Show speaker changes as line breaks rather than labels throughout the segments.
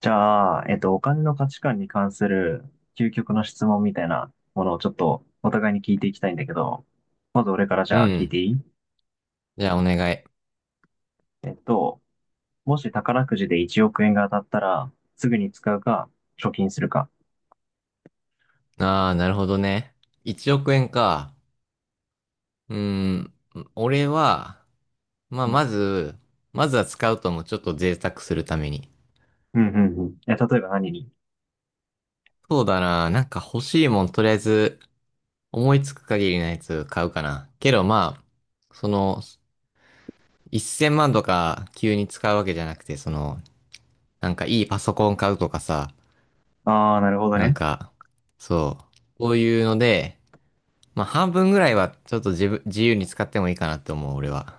じゃあ、お金の価値観に関する究極の質問みたいなものをちょっとお互いに聞いていきたいんだけど、まず俺からじ
う
ゃあ聞い
ん。
ていい？
じゃあお願い。
えっと、もし宝くじで1億円が当たったら、すぐに使うか、貯金するか。
ああ、なるほどね。1億円か。うーん。俺は、まあ、
うん、
まずは使うともちょっと贅沢するために。
うん、うんうん。え、例えば何に？
そうだな。なんか欲しいもん、とりあえず、思いつく限りのやつ買うかな。けどまあ、その、1000万とか急に使うわけじゃなくて、その、なんかいいパソコン買うとかさ、
ああー、なるほど
なん
ね。
か、そう。こういうので、まあ半分ぐらいはちょっと自由に使ってもいいかなって思う、俺は。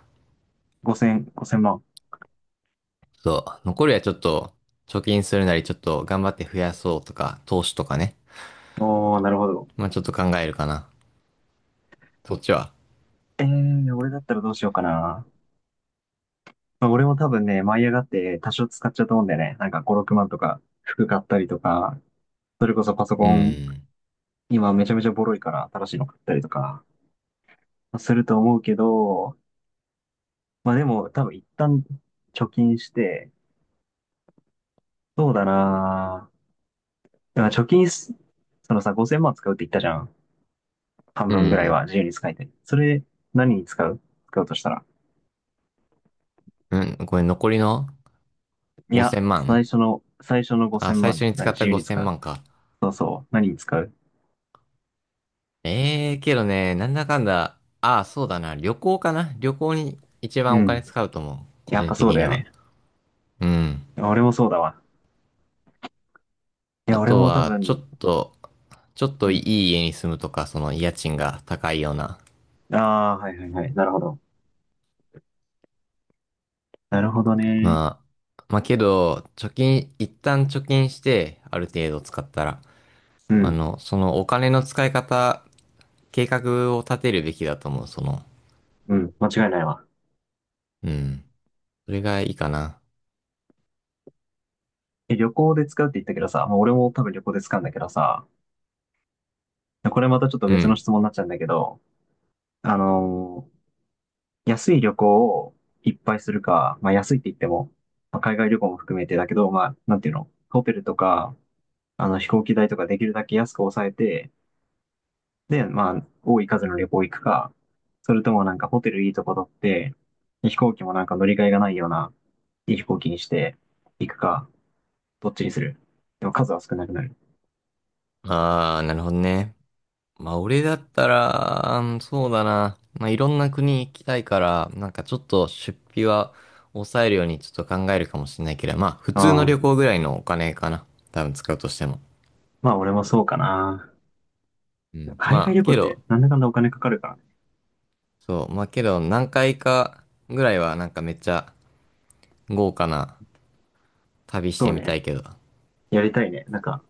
5000万。
ちょっと、残りはちょっと、貯金するなり、ちょっと頑張って増やそうとか、投資とかね。
おー、なるほど。
まあちょっと考えるかな。そっちは。
俺だったらどうしようかな。まあ、俺も多分ね、舞い上がって多少使っちゃうと思うんだよね。なんか5、6万とか、服買ったりとか、それこそパソ
う
コン
ん。
今めちゃめちゃボロいから新しいの買ったりとかすると思うけど、まあでも多分一旦貯金して、そうだなぁだから貯金す、そのさ、5000万使うって言ったじゃん。半
う
分ぐらい
ん。
は自由に使いたい。それ何に使う？使うとしたら。
うん。これ残りの
いや、
5000
最
万
初の、最初の
あ、
5000
最初
万、
に
何、
使っ
自
た
由に使
5000
う。
万か。
そうそう。何に使う？
ええけどね、なんだかんだ、ああ、そうだな。旅行かな。旅行に一
う
番お金
ん。
使うと思う。個
やっ
人
ぱそう
的
だ
に
よ
は。
ね。
うん。
俺もそうだわ。い
あ
や、俺
と
も多
は、ちょ
分、
っと、ちょっ
う
とい
ん。
い家に住むとか、その家賃が高いような。
ああ、はいはいはい。なるほど。なるほどね。
ままあけど、一旦貯金して、ある程度使ったら、
う
あ
ん。
の、そのお金の使い方、計画を立てるべきだと思う、その。
うん。間違いないわ。
うん。それがいいかな。
え、旅行で使うって言ったけどさ、まあ、俺も多分旅行で使うんだけどさ、これまたちょっと
う
別の
ん。
質問になっちゃうんだけど、あのー安い旅行をいっぱいするか、まあ安いって言っても、まあ海外旅行も含めてだけど、まあ、なんていうの、ホテルとか、あの飛行機代とかできるだけ安く抑えて、で、まあ、多い数の旅行行くか、それともなんかホテルいいとこ取って、で飛行機もなんか乗り換えがないような、いい飛行機にして行くか、どっちにする？でも数は少なくなる。
ああ、なるほどね。まあ、俺だったら、うんそうだな。まあ、いろんな国行きたいから、なんかちょっと出費は抑えるようにちょっと考えるかもしれないけど、まあ、普通
あ
の旅
あ。
行ぐらいのお金かな。多分使うとしても。
まあ俺もそうかな。
うん。
海外
ま
旅
あ、
行っ
け
て
ど、
なんだかんだお金かかるからね。
そう。まあけど、何回かぐらいはなんかめっちゃ豪華な旅し
そう
てみた
ね。
いけど。
やりたいね。なんか、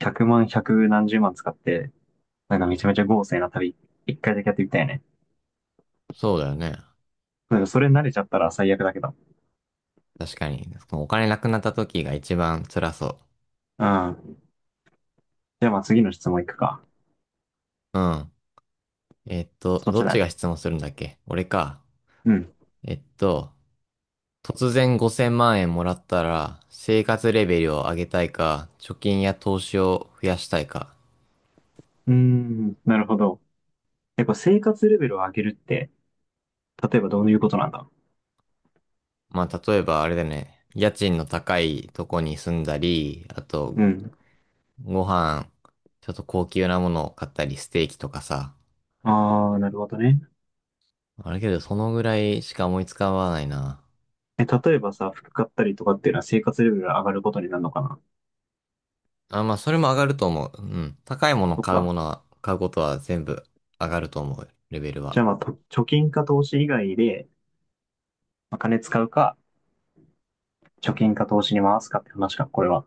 100万、100何十万使って、なんかめちゃめちゃ豪勢な旅、一回だけやってみたいね。
そうだよね。
なんかそれ慣れちゃったら最悪だけど。
確かに。お金なくなった時が一番辛そ
うん。じゃあまあ次の質問いくか。
う。うん。
そっ
ど
ち
っ
だ
ちが
ね。
質問するんだっけ俺か。
うん。
えっと、突然5000万円もらったら、生活レベルを上げたいか、貯金や投資を増やしたいか。
うーん、なるほど。やっぱ生活レベルを上げるって、例えばどういうことなんだ？
まあ、例えばあれだよね。家賃の高いとこに住んだり、あと
うん。
ご飯、ちょっと高級なものを買ったり、ステーキとかさ。
ああ、なるほどね。
あれけど、そのぐらいしか思いつかわないな。
え、例えばさ、服買ったりとかっていうのは生活レベルが上がることになるのかな？
あ、まあ、それも上がると思う。うん。高いもの
そっか。
買うことは全部上がると思う、レベル
じゃあ
は。
まあ、と貯金か投資以外で、まあ、金使うか、貯金か投資に回すかって話か、これは。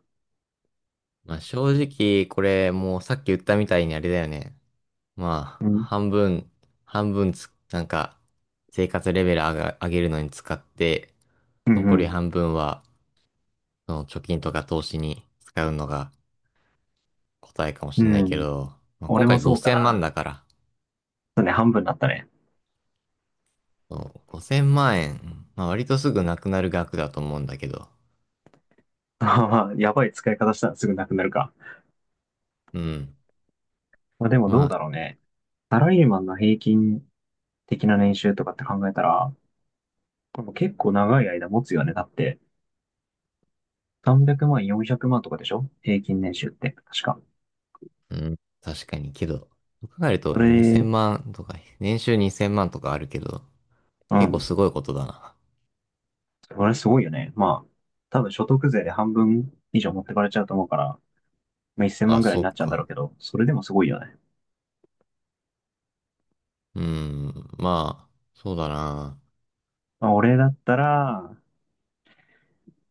まあ、正直、これ、もうさっき言ったみたいにあれだよね。ま
う
あ、
ん。
半分、なんか、生活レベル上げるのに使って、
う
残り
ん
半分は、その貯金とか投資に使うのが、答えかも
う
しれな
ん。
い
う
け
ん。
ど、まあ、今
俺も
回
そうか
5000万
な。
だから、
そうね、半分になったね。
そう5000万円、まあ、割とすぐなくなる額だと思うんだけど、
まあ、やばい使い方したらすぐなくなるか。
うん。
まあでも
ま
どう
あ、
だろうね。サラリーマンの平均的な年収とかって考えたら、これも結構長い間持つよね。だって、300万、400万とかでしょ平均年収って、確か。
うん、確かにけど、そう考えると
それ、
2000万とか、年収2000万とかあるけど、
う
結構
ん。
すごいことだな。
それすごいよね。まあ、多分所得税で半分以上持ってかれちゃうと思うから、まあ、1000
あ、
万ぐらいに
そっ
なっちゃうんだろ
か。
うけど、それでもすごいよね。
うん、まあ、そうだな。
まあ、俺だったら、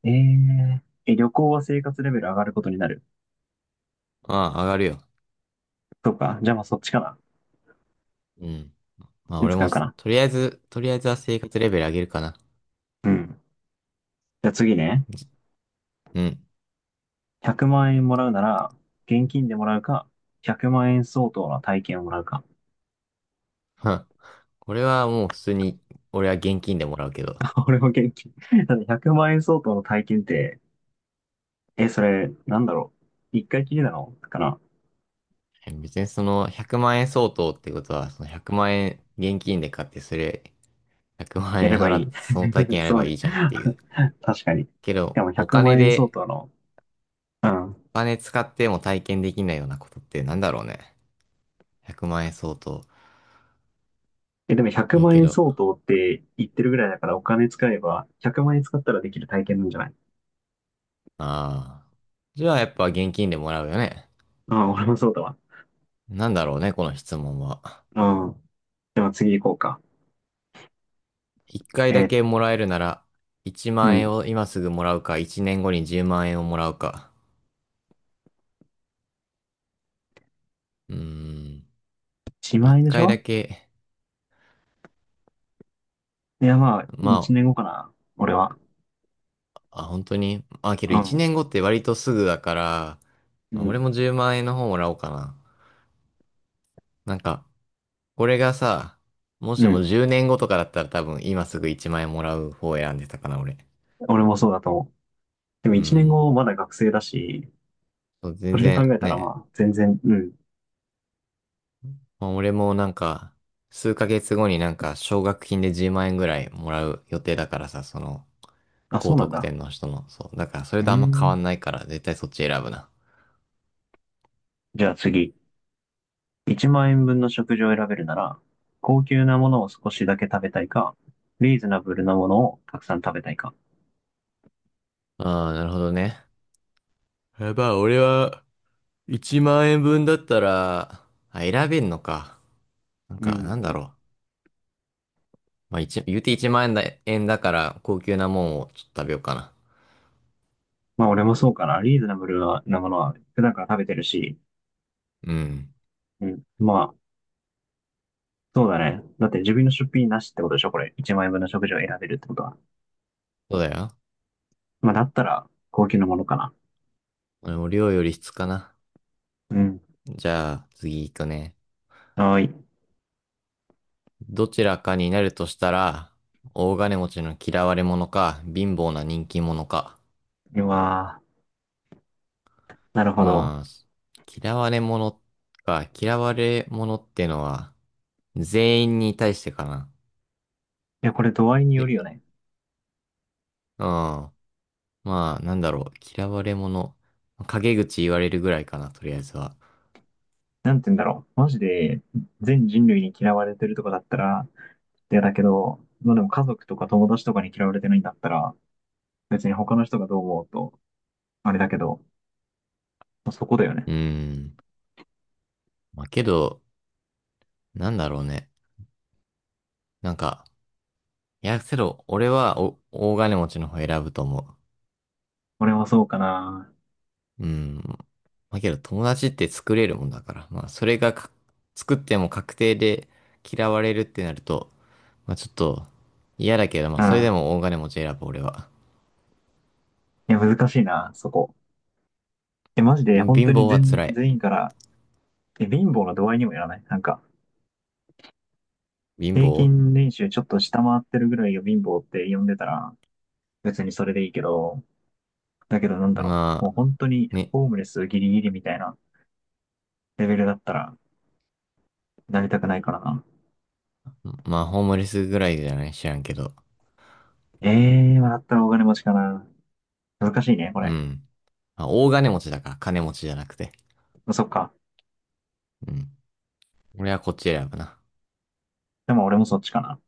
えー、え、旅行は生活レベル上がることになる？
まあ、上がるよ。
そうか。じゃあまあそっちかな。
うん。
そっ
ま
ち
あ、
に
俺
使う
も、
かな。
とりあえずは生活レベル上げるかな。
うん。じゃあ次ね。
うん。
100万円もらうなら、現金でもらうか、100万円相当の体験をもらうか。
はんこれはもう普通に、俺は現金でもらうけど。
俺も現金。だって100万円相当の体験って、え、それ、なんだろう。一回きりなのかな。
別にその100万円相当ってことは、その100万円現金で買ってそれ100万
やれ
円
ば
払っ
い
て
い。
その体 験やれ
そう
ばい
ね。
いじゃんっていう。
確かに。
け
し
ど、
かも100万円相当の、うん。
お金使っても体験できないようなことってなんだろうね。100万円相当。
え、でも100
いや
万
け
円
ど、
相当って言ってるぐらいだからお金使えば100万円使ったらできる体験なんじゃない？
ああ。じゃあやっぱ現金でもらうよね。
ああ、俺もそうだわ。
なんだろうね、この質問は。
うん。でも次行こうか。
1回
え
だ
ー
けもらえるなら、1
う
万円
ん。
を今すぐもらうか、1年後に10万円をもらうか。うーん。
1万
1
円でし
回だ
ょ？
け、
いや、まあ、
ま
1年
あ、
後かな。俺は。
あ、本当にまあ、けど
う
1
ん。
年後って割とすぐだから、
う
まあ俺
ん。
も10万円の方もらおうかな。なんか、これがさ、も
う
しも
ん。
10年後とかだったら多分今すぐ1万円もらう方を選んでたかな、俺。
俺もそうだと思う。でも
う
1年
ん。
後まだ学生だし、
そう
そ
全
れで考
然
えたら
ね、
まあ、全然、うん。
まあ、俺もなんか、数ヶ月後になんか奨学金で10万円ぐらいもらう予定だからさ、その、
あ、そ
高
うなん
得
だ。
点の人の、そう。だからそれ
うー
とあんま変わ
ん。
んないから、絶対そっち選ぶな。
じゃあ次。1万円分の食事を選べるなら、高級なものを少しだけ食べたいか、リーズナブルなものをたくさん食べたいか。
ああ、なるほどね。やばい、俺は、1万円分だったら、あ、選べんのか。なん
う
か、なんだ
ん。
ろう。まあ、言うて1万円だ、円だから、高級なもんをちょっと食べようかな。
まあ俺もそうかな。リーズナブルなものは普段から食べてるし、
うん。
うん。まあ、そうだね。だって自分の出費なしってことでしょこれ。1万円分の食事を選べるってことは。
そうだよ。
まあだったら、高級なものかな。
俺も量より質かな。
うん。
じゃあ、次行くね。
はーい。
どちらかになるとしたら、大金持ちの嫌われ者か、貧乏な人気者か。
うわー。なるほど。
まあ、嫌われ者か、嫌われ者ってのは、全員に対してかな。
いや、これ度合いによる
で、
よね。
うん。まあ、なんだろう。嫌われ者。陰口言われるぐらいかな、とりあえずは。
なんて言うんだろう。マジで、全人類に嫌われてるとかだったら、いやだけど、まあでも家族とか友達とかに嫌われてないんだったら、別に他の人がどう思おうと、あれだけど、そこだよね。
うーん。まあ、けど、なんだろうね。なんか、いや、けど、俺は大金持ちの方選ぶと思
俺もそうかな。
う。うーん。まあ、けど、友達って作れるもんだから。まあ、それがか作っても確定で嫌われるってなると、まあ、ちょっと、嫌だけど、ま
う
あ、それで
ん。
も大金持ち選ぶ、俺は。
いや、難しいな、そこ。え、マジで、
貧
本当
貧
に
乏は
全、
辛い。
全員から、え、貧乏の度合いにもやらないなんか、
貧
平
乏
均年収ちょっと下回ってるぐらいが貧乏って呼んでたら、別にそれでいいけど、だけどなんだろう。も
ま
う
あ、
本当に、
ね。
ホームレスギリギリみたいなレベルだったら、なりたくないからな。
まあ、ホームレスぐらいじゃない知らんけど。
ええー、まあだったらお金持ちかな。難しいね、こ
う
れ。
ん。あ、大金持ちだから金持ちじゃなくて。
そっか。
うん。俺はこっち選ぶな。
でも俺もそっちかな。